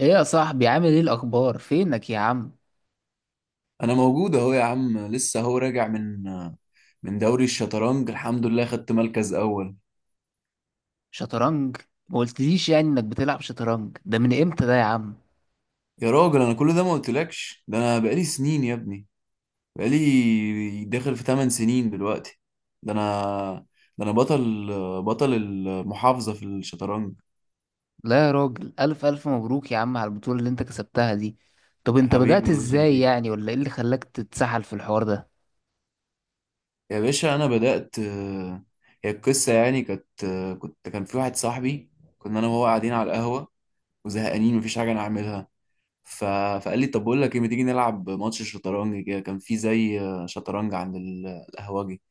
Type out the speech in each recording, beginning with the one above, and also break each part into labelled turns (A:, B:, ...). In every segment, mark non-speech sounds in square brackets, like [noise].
A: ايه يا صاحبي، عامل ايه الاخبار؟ فينك يا عم؟
B: انا موجود اهو يا عم، لسه اهو راجع من دوري الشطرنج. الحمد لله خدت مركز اول.
A: شطرنج؟ ما قلتليش يعني انك بتلعب شطرنج، ده من امتى ده يا عم؟
B: يا راجل انا كل ده ما قلتلكش. ده انا بقالي سنين يا ابني، بقالي داخل في 8 سنين دلوقتي. ده انا ده انا بطل المحافظة في الشطرنج.
A: لا يا راجل، الف الف مبروك يا عم على البطولة اللي انت كسبتها دي. طب انت
B: حبيبي
A: بدأت
B: الله
A: ازاي
B: يخليك.
A: يعني؟ ولا ايه اللي خلاك تتسحل في الحوار ده؟
B: يا باشا انا بدأت هي القصة يعني كانت كان في واحد صاحبي، كنا انا وهو قاعدين على القهوة وزهقانين مفيش حاجة نعملها. ف... فقال لي طب بقول لك ايه، ما تيجي نلعب ماتش شطرنج؟ كده كان في زي شطرنج عند القهوجي.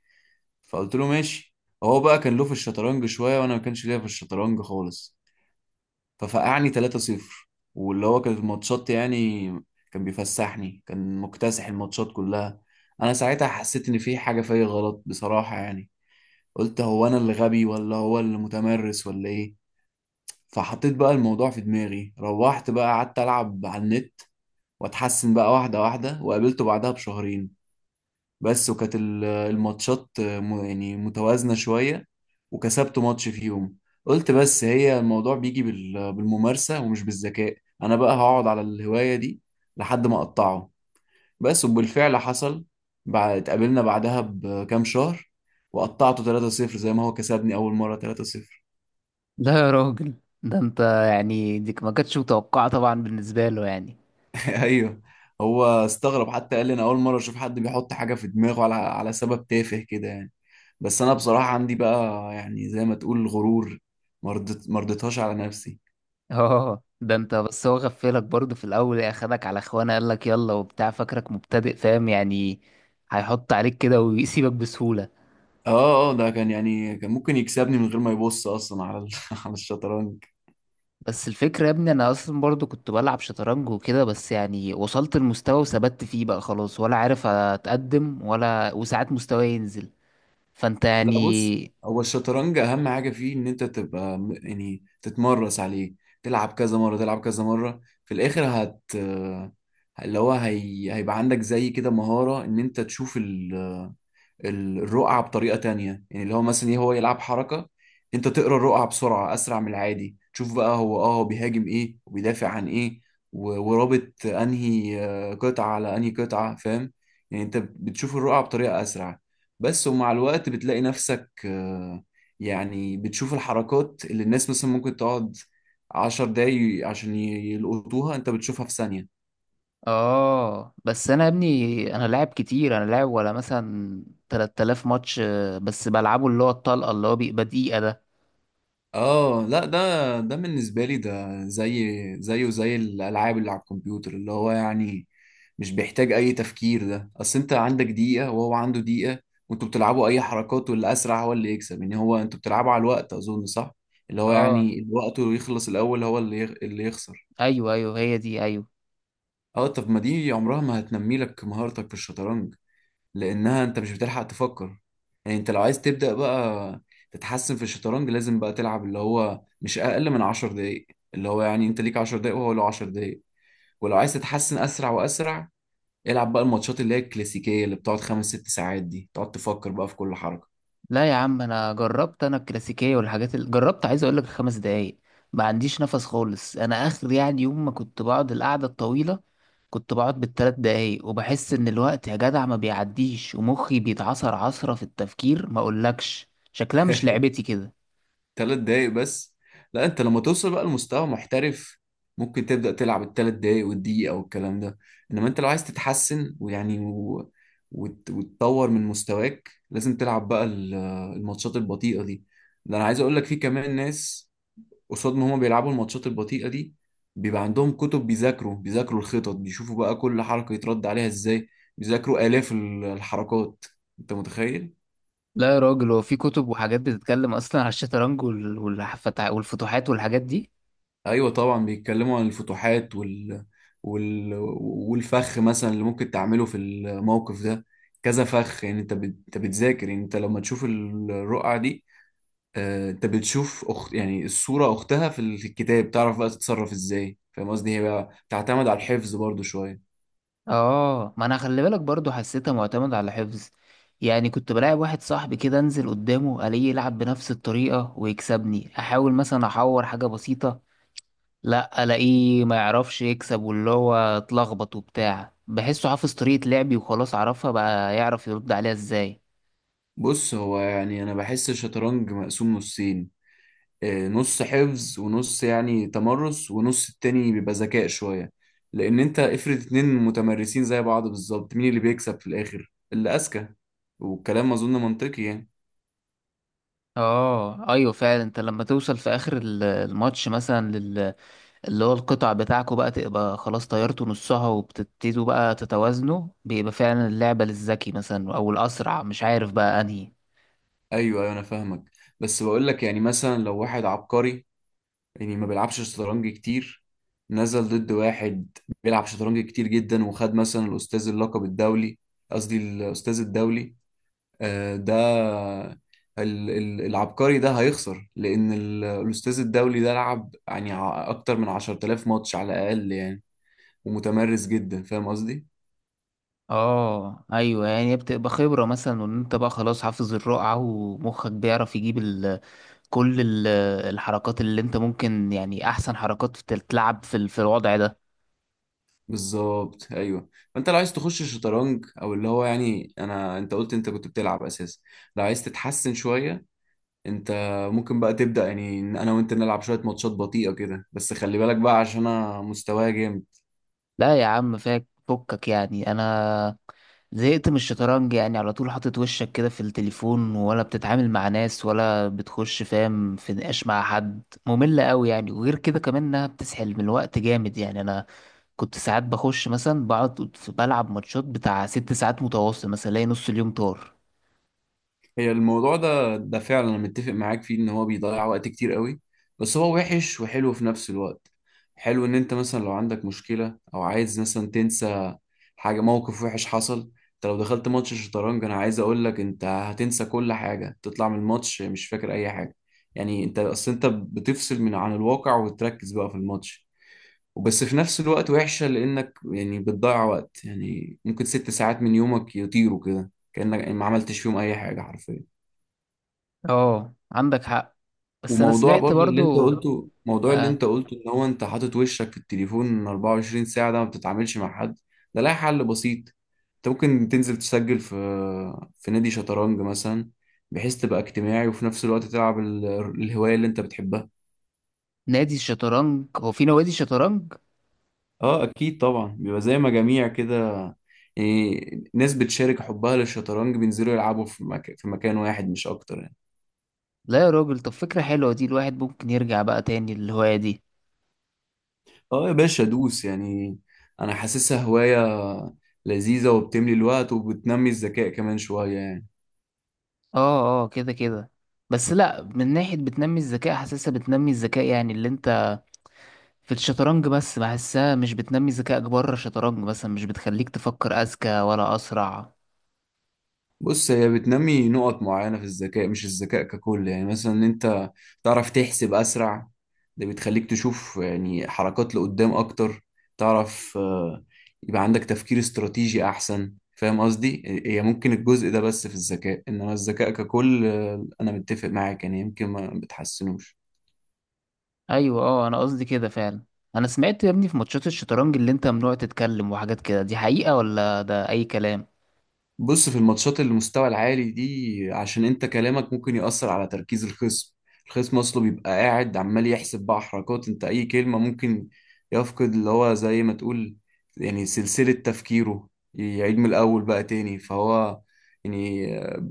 B: فقلت له ماشي. هو بقى كان له في الشطرنج شويه، وانا ما كانش ليا في الشطرنج خالص. ففقعني 3-0. واللي هو كانت الماتشات يعني، كان بيفسحني، كان مكتسح الماتشات كلها. انا ساعتها حسيت ان في حاجه فيا غلط بصراحه يعني. قلت هو انا اللي غبي ولا هو اللي متمرس ولا ايه؟ فحطيت بقى الموضوع في دماغي، روحت بقى قعدت العب على النت واتحسن بقى واحدة واحدة، وقابلته بعدها بشهرين بس. وكانت الماتشات يعني متوازنة شوية، وكسبته ماتش فيهم. قلت بس هي الموضوع بيجي بالممارسة ومش بالذكاء. أنا بقى هقعد على الهواية دي لحد ما أقطعه. بس وبالفعل حصل. بعد اتقابلنا بعدها بكام شهر، وقطعته 3-0 زي ما هو كسبني أول مرة 3-0.
A: لا يا راجل، ده انت، يعني دي ما كانتش متوقعة طبعا بالنسبة له يعني.
B: [laughs] ايوه. هو استغرب، حتى قال لي انا اول مره اشوف حد بيحط حاجه في دماغه على سبب تافه كده يعني. بس انا بصراحه عندي بقى يعني زي ما تقول غرور، مرضتهاش على نفسي.
A: [laughs] اه، ده انت. بس هو غفلك برضه في الاول ايه، اخدك على اخوانه، قالك يلا وبتاع، فاكرك مبتدئ، فاهم يعني؟ هيحط عليك كده ويسيبك بسهولة.
B: اه اه، ده كان يعني كان ممكن يكسبني من غير ما يبص اصلا على [laughs] على الشطرنج.
A: بس الفكرة يا ابني، انا اصلا برضو كنت بلعب شطرنج وكده، بس يعني وصلت المستوى وثبت فيه بقى خلاص، ولا عارف اتقدم، ولا وساعات مستواي ينزل. فانت
B: لا بص،
A: يعني.
B: هو الشطرنج اهم حاجه فيه ان انت تبقى يعني تتمرس عليه، تلعب كذا مره تلعب كذا مره، في الاخر هت... اللي هو هيبقى عندك زي كده مهاره ان انت تشوف الرقعة بطريقة تانية. يعني اللي هو مثلا ايه، هو يلعب حركة، انت تقرا الرقعة بسرعة اسرع من العادي، تشوف بقى هو اه هو بيهاجم ايه وبيدافع عن ايه، ورابط انهي قطعة على انهي قطعة، فاهم؟ يعني انت بتشوف الرقعة بطريقة اسرع بس. ومع الوقت بتلاقي نفسك يعني بتشوف الحركات اللي الناس مثلا ممكن تقعد عشر دقايق عشان يلقطوها، انت بتشوفها في ثانية.
A: اه، بس انا يا ابني، انا لاعب كتير، انا لاعب ولا مثلا 3000 ماتش بس بلعبه اللي هو الطلقة، اللي هو بيبقى دقيقة ده.
B: اه لا ده، ده بالنسبه لي ده زيه زي الالعاب اللي على الكمبيوتر، اللي هو يعني مش بيحتاج اي تفكير. ده اصل انت عندك دقيقه وهو عنده دقيقه، وانتوا بتلعبوا اي حركات، واللي اسرع هو اللي يكسب يعني. هو انتوا بتلعبوا على الوقت اظن صح، اللي هو
A: اه،
B: يعني الوقت اللي يخلص الاول هو اللي يخسر.
A: ايوه ايوه، هي دي، ايوه.
B: اه طب ما دي عمرها ما هتنمي لك مهارتك في الشطرنج، لانها انت مش بتلحق تفكر. يعني انت لو عايز تبدا بقى تتحسن في الشطرنج، لازم بقى تلعب اللي هو مش اقل من 10 دقايق. اللي هو يعني انت ليك 10 دقايق وهو له 10 دقايق. ولو عايز تتحسن اسرع واسرع، العب بقى الماتشات اللي هي الكلاسيكيه اللي بتقعد خمس ست ساعات دي، تقعد تفكر بقى في كل حركه.
A: لا يا عم، انا جربت، انا الكلاسيكيه والحاجات اللي جربت، عايز اقول لك 5 دقايق ما عنديش نفس خالص. انا اخر يعني يوم ما كنت بقعد القعده الطويله كنت بقعد بالثلاث دقايق، وبحس ان الوقت يا جدع ما بيعديش، ومخي بيتعصر عصره في التفكير، ما اقولكش شكلها مش
B: [laughs]
A: لعبتي كده.
B: ثلاث دقايق بس؟ لا، انت لما توصل بقى لمستوى محترف ممكن تبدأ تلعب الثلاث دقايق والدقيقة والكلام ده. انما انت لو عايز تتحسن ويعني وتطور من مستواك، لازم تلعب بقى الماتشات البطيئة دي. ده انا عايز اقول لك في كمان ناس، قصاد ما هما بيلعبوا الماتشات البطيئة دي، بيبقى عندهم كتب، بيذاكروا الخطط، بيشوفوا بقى كل حركة يترد عليها ازاي، بيذاكروا آلاف الحركات. انت متخيل؟
A: لا يا راجل، هو في كتب وحاجات بتتكلم اصلا على الشطرنج والفتوحات والحاجات دي؟
B: ايوه طبعا، بيتكلموا عن الفتوحات وال... والفخ مثلا اللي ممكن تعمله في الموقف ده. كذا فخ يعني. انت انت بتذاكر يعني، انت لما تشوف الرقعة دي انت بتشوف يعني الصورة اختها في الكتاب، تعرف بقى تتصرف ازاي، فاهم قصدي؟ هي بقى تعتمد على الحفظ برضو شوية.
A: اه، ما انا خلي بالك برضو حسيتها معتمد على حفظ. يعني كنت بلاعب واحد صاحبي كده، انزل قدامه الاقيه يلعب بنفس الطريقة ويكسبني، احاول مثلا احور حاجة بسيطة، لا الاقيه ما يعرفش يكسب، واللي هو اتلخبط وبتاع، بحسه حافظ طريقة لعبي وخلاص، عرفها بقى، يعرف يرد عليها ازاي.
B: بص هو يعني انا بحس الشطرنج مقسوم نصين، نص حفظ ونص يعني تمرس، ونص التاني بيبقى ذكاء شوية. لأن أنت افرض اتنين متمرسين زي بعض بالظبط، مين اللي بيكسب في الآخر؟ اللي أذكى. والكلام أظن منطقي يعني.
A: اه ايوه، فعلا انت لما توصل في اخر الماتش مثلا، اللي هو القطع بتاعكوا بقى تبقى خلاص طيرتوا نصها، وبتبتدوا بقى تتوازنوا، بيبقى فعلا اللعبة للذكي مثلا أو الأسرع، مش عارف بقى أنهي.
B: أيوه أيوه أنا فاهمك. بس بقول لك يعني، مثلا لو واحد عبقري، يعني ما بيلعبش شطرنج كتير، نزل ضد واحد بيلعب شطرنج كتير جدا، وخد مثلا الأستاذ اللقب الدولي، قصدي الأستاذ الدولي، ده العبقري ده هيخسر، لأن الأستاذ الدولي ده لعب يعني أكتر من 10000 ماتش على الأقل يعني، ومتمرس جدا. فاهم قصدي؟
A: اه ايوه، يعني بتبقى خبرة مثلا، وان انت بقى خلاص حافظ الرقعة، ومخك بيعرف يجيب كل الحركات اللي انت ممكن يعني احسن حركات تتلعب في في الوضع ده.
B: بالظبط أيوه. فأنت لو عايز تخش شطرنج، أو اللي هو يعني أنا أنت قلت أنت كنت بتلعب أساسا، لو عايز تتحسن شوية، أنت ممكن بقى تبدأ يعني إن أنا وأنت نلعب شوية ماتشات بطيئة كده. بس خلي بالك بقى، عشان أنا مستواي جامد.
A: لا يا عم، فكك يعني انا زهقت من الشطرنج، يعني على طول حاطط وشك كده في التليفون، ولا بتتعامل مع ناس، ولا بتخش فاهم في نقاش مع حد، مملة قوي يعني. وغير كده كمان انها بتسحل من الوقت جامد يعني، انا كنت ساعات بخش مثلا بقعد بلعب ماتشات بتاع 6 ساعات متواصل مثلا، الاقي نص اليوم طار.
B: هي الموضوع ده فعلا انا متفق معاك فيه، ان هو بيضيع وقت كتير قوي. بس هو وحش وحلو في نفس الوقت. حلو ان انت مثلا لو عندك مشكلة او عايز مثلا تنسى حاجة موقف وحش حصل، انت لو دخلت ماتش الشطرنج انا عايز اقول لك انت هتنسى كل حاجة، تطلع من الماتش مش فاكر اي حاجة. يعني انت اصل انت بتفصل من عن الواقع وتركز بقى في الماتش وبس. في نفس الوقت وحشة لانك يعني بتضيع وقت، يعني ممكن ست ساعات من يومك يطيروا كده كأنك ما عملتش فيهم اي حاجة حرفيا.
A: اه، عندك حق. بس انا
B: وموضوع
A: سمعت
B: برضو اللي انت
A: برضو.
B: قلته،
A: آه،
B: ان هو انت حاطط وشك في التليفون 24 ساعة ده، ما بتتعاملش مع حد، ده لها حل بسيط. انت ممكن تنزل تسجل في في نادي شطرنج مثلا، بحيث تبقى اجتماعي وفي نفس الوقت تلعب الهواية اللي انت بتحبها.
A: نادي الشطرنج، هو في نوادي شطرنج؟
B: اه اكيد طبعا، بيبقى زي مجاميع كده، يعني ناس بتشارك حبها للشطرنج بينزلوا يلعبوا في في مكان واحد مش اكتر يعني.
A: لا يا راجل، طب فكرة حلوة دي، الواحد ممكن يرجع بقى تاني للهواية دي.
B: اه يا باشا دوس يعني، انا حاسسها هواية لذيذة وبتملي الوقت وبتنمي الذكاء كمان شوية يعني.
A: اه اه، كده كده. بس لا، من ناحية بتنمي الذكاء، حاسسها بتنمي الذكاء يعني اللي انت في الشطرنج بس، بحسها مش بتنمي ذكائك بره الشطرنج مثلا، مش بتخليك تفكر أذكى ولا أسرع.
B: بص هي بتنمي نقط معينة في الذكاء مش الذكاء ككل، يعني مثلا ان انت تعرف تحسب اسرع، ده بتخليك تشوف يعني حركات لقدام اكتر، تعرف يبقى عندك تفكير استراتيجي احسن. فاهم قصدي؟ هي ممكن الجزء ده بس في الذكاء، انما الذكاء ككل انا متفق معاك يعني، يمكن ما بتحسنوش.
A: أيوة اه، أنا قصدي كده فعلا. أنا سمعت يا ابني في ماتشات الشطرنج اللي انت ممنوع تتكلم وحاجات كده، دي حقيقة ولا ده أي كلام؟
B: بص، في الماتشات اللي المستوى العالي دي، عشان انت كلامك ممكن يأثر على تركيز الخصم. الخصم اصله بيبقى قاعد عمال يحسب بقى حركات، انت اي كلمة ممكن يفقد اللي هو زي ما تقول يعني سلسلة تفكيره، يعيد من الاول بقى تاني. فهو يعني،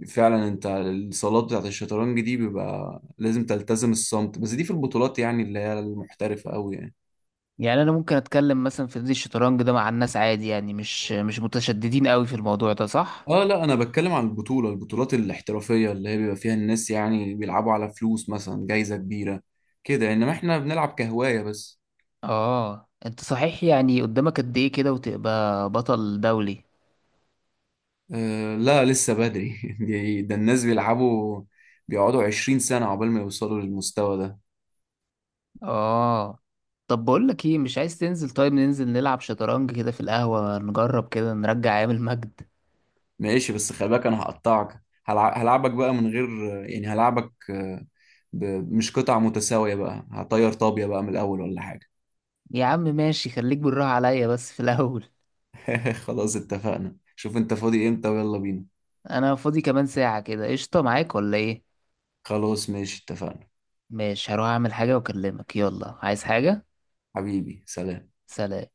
B: فعلا انت الصالات بتاعت الشطرنج دي بيبقى لازم تلتزم الصمت، بس دي في البطولات يعني اللي هي المحترفة قوي يعني.
A: يعني أنا ممكن أتكلم مثلا في نادي الشطرنج ده مع الناس عادي؟ يعني مش متشددين قوي في الموضوع ده صح؟
B: اه لا، انا بتكلم عن البطولات الاحترافيه، اللي هي بيبقى فيها الناس يعني بيلعبوا على فلوس، مثلا جايزه كبيره كده. انما احنا بنلعب كهوايه بس.
A: اه، انت صحيح، يعني قدامك قد ايه كده وتبقى بطل دولي؟
B: آه لا لسه بدري. [laughs] ده الناس بيلعبوا بيقعدوا 20 سنه عقبال ما يوصلوا للمستوى ده.
A: اه طب، بقول لك ايه، مش عايز تنزل؟ طيب ننزل نلعب شطرنج كده في القهوة، نجرب كده نرجع ايام المجد.
B: ماشي، بس خلي بالك انا هقطعك، هلعبك بقى من غير، يعني هلعبك ب- مش قطع متساويه بقى، هطير طابيه بقى من الاول ولا حاجه.
A: يا عم ماشي، خليك بالراحة عليا بس في الاول.
B: [laughs] خلاص اتفقنا، شوف انت فاضي امتى ويلا بينا.
A: [laughs] انا فاضي كمان ساعة كده، قشطة معاك ولا ايه؟
B: خلاص ماشي اتفقنا.
A: ماشي، هروح اعمل حاجة واكلمك، يلا، عايز حاجة؟
B: حبيبي سلام.
A: سلام.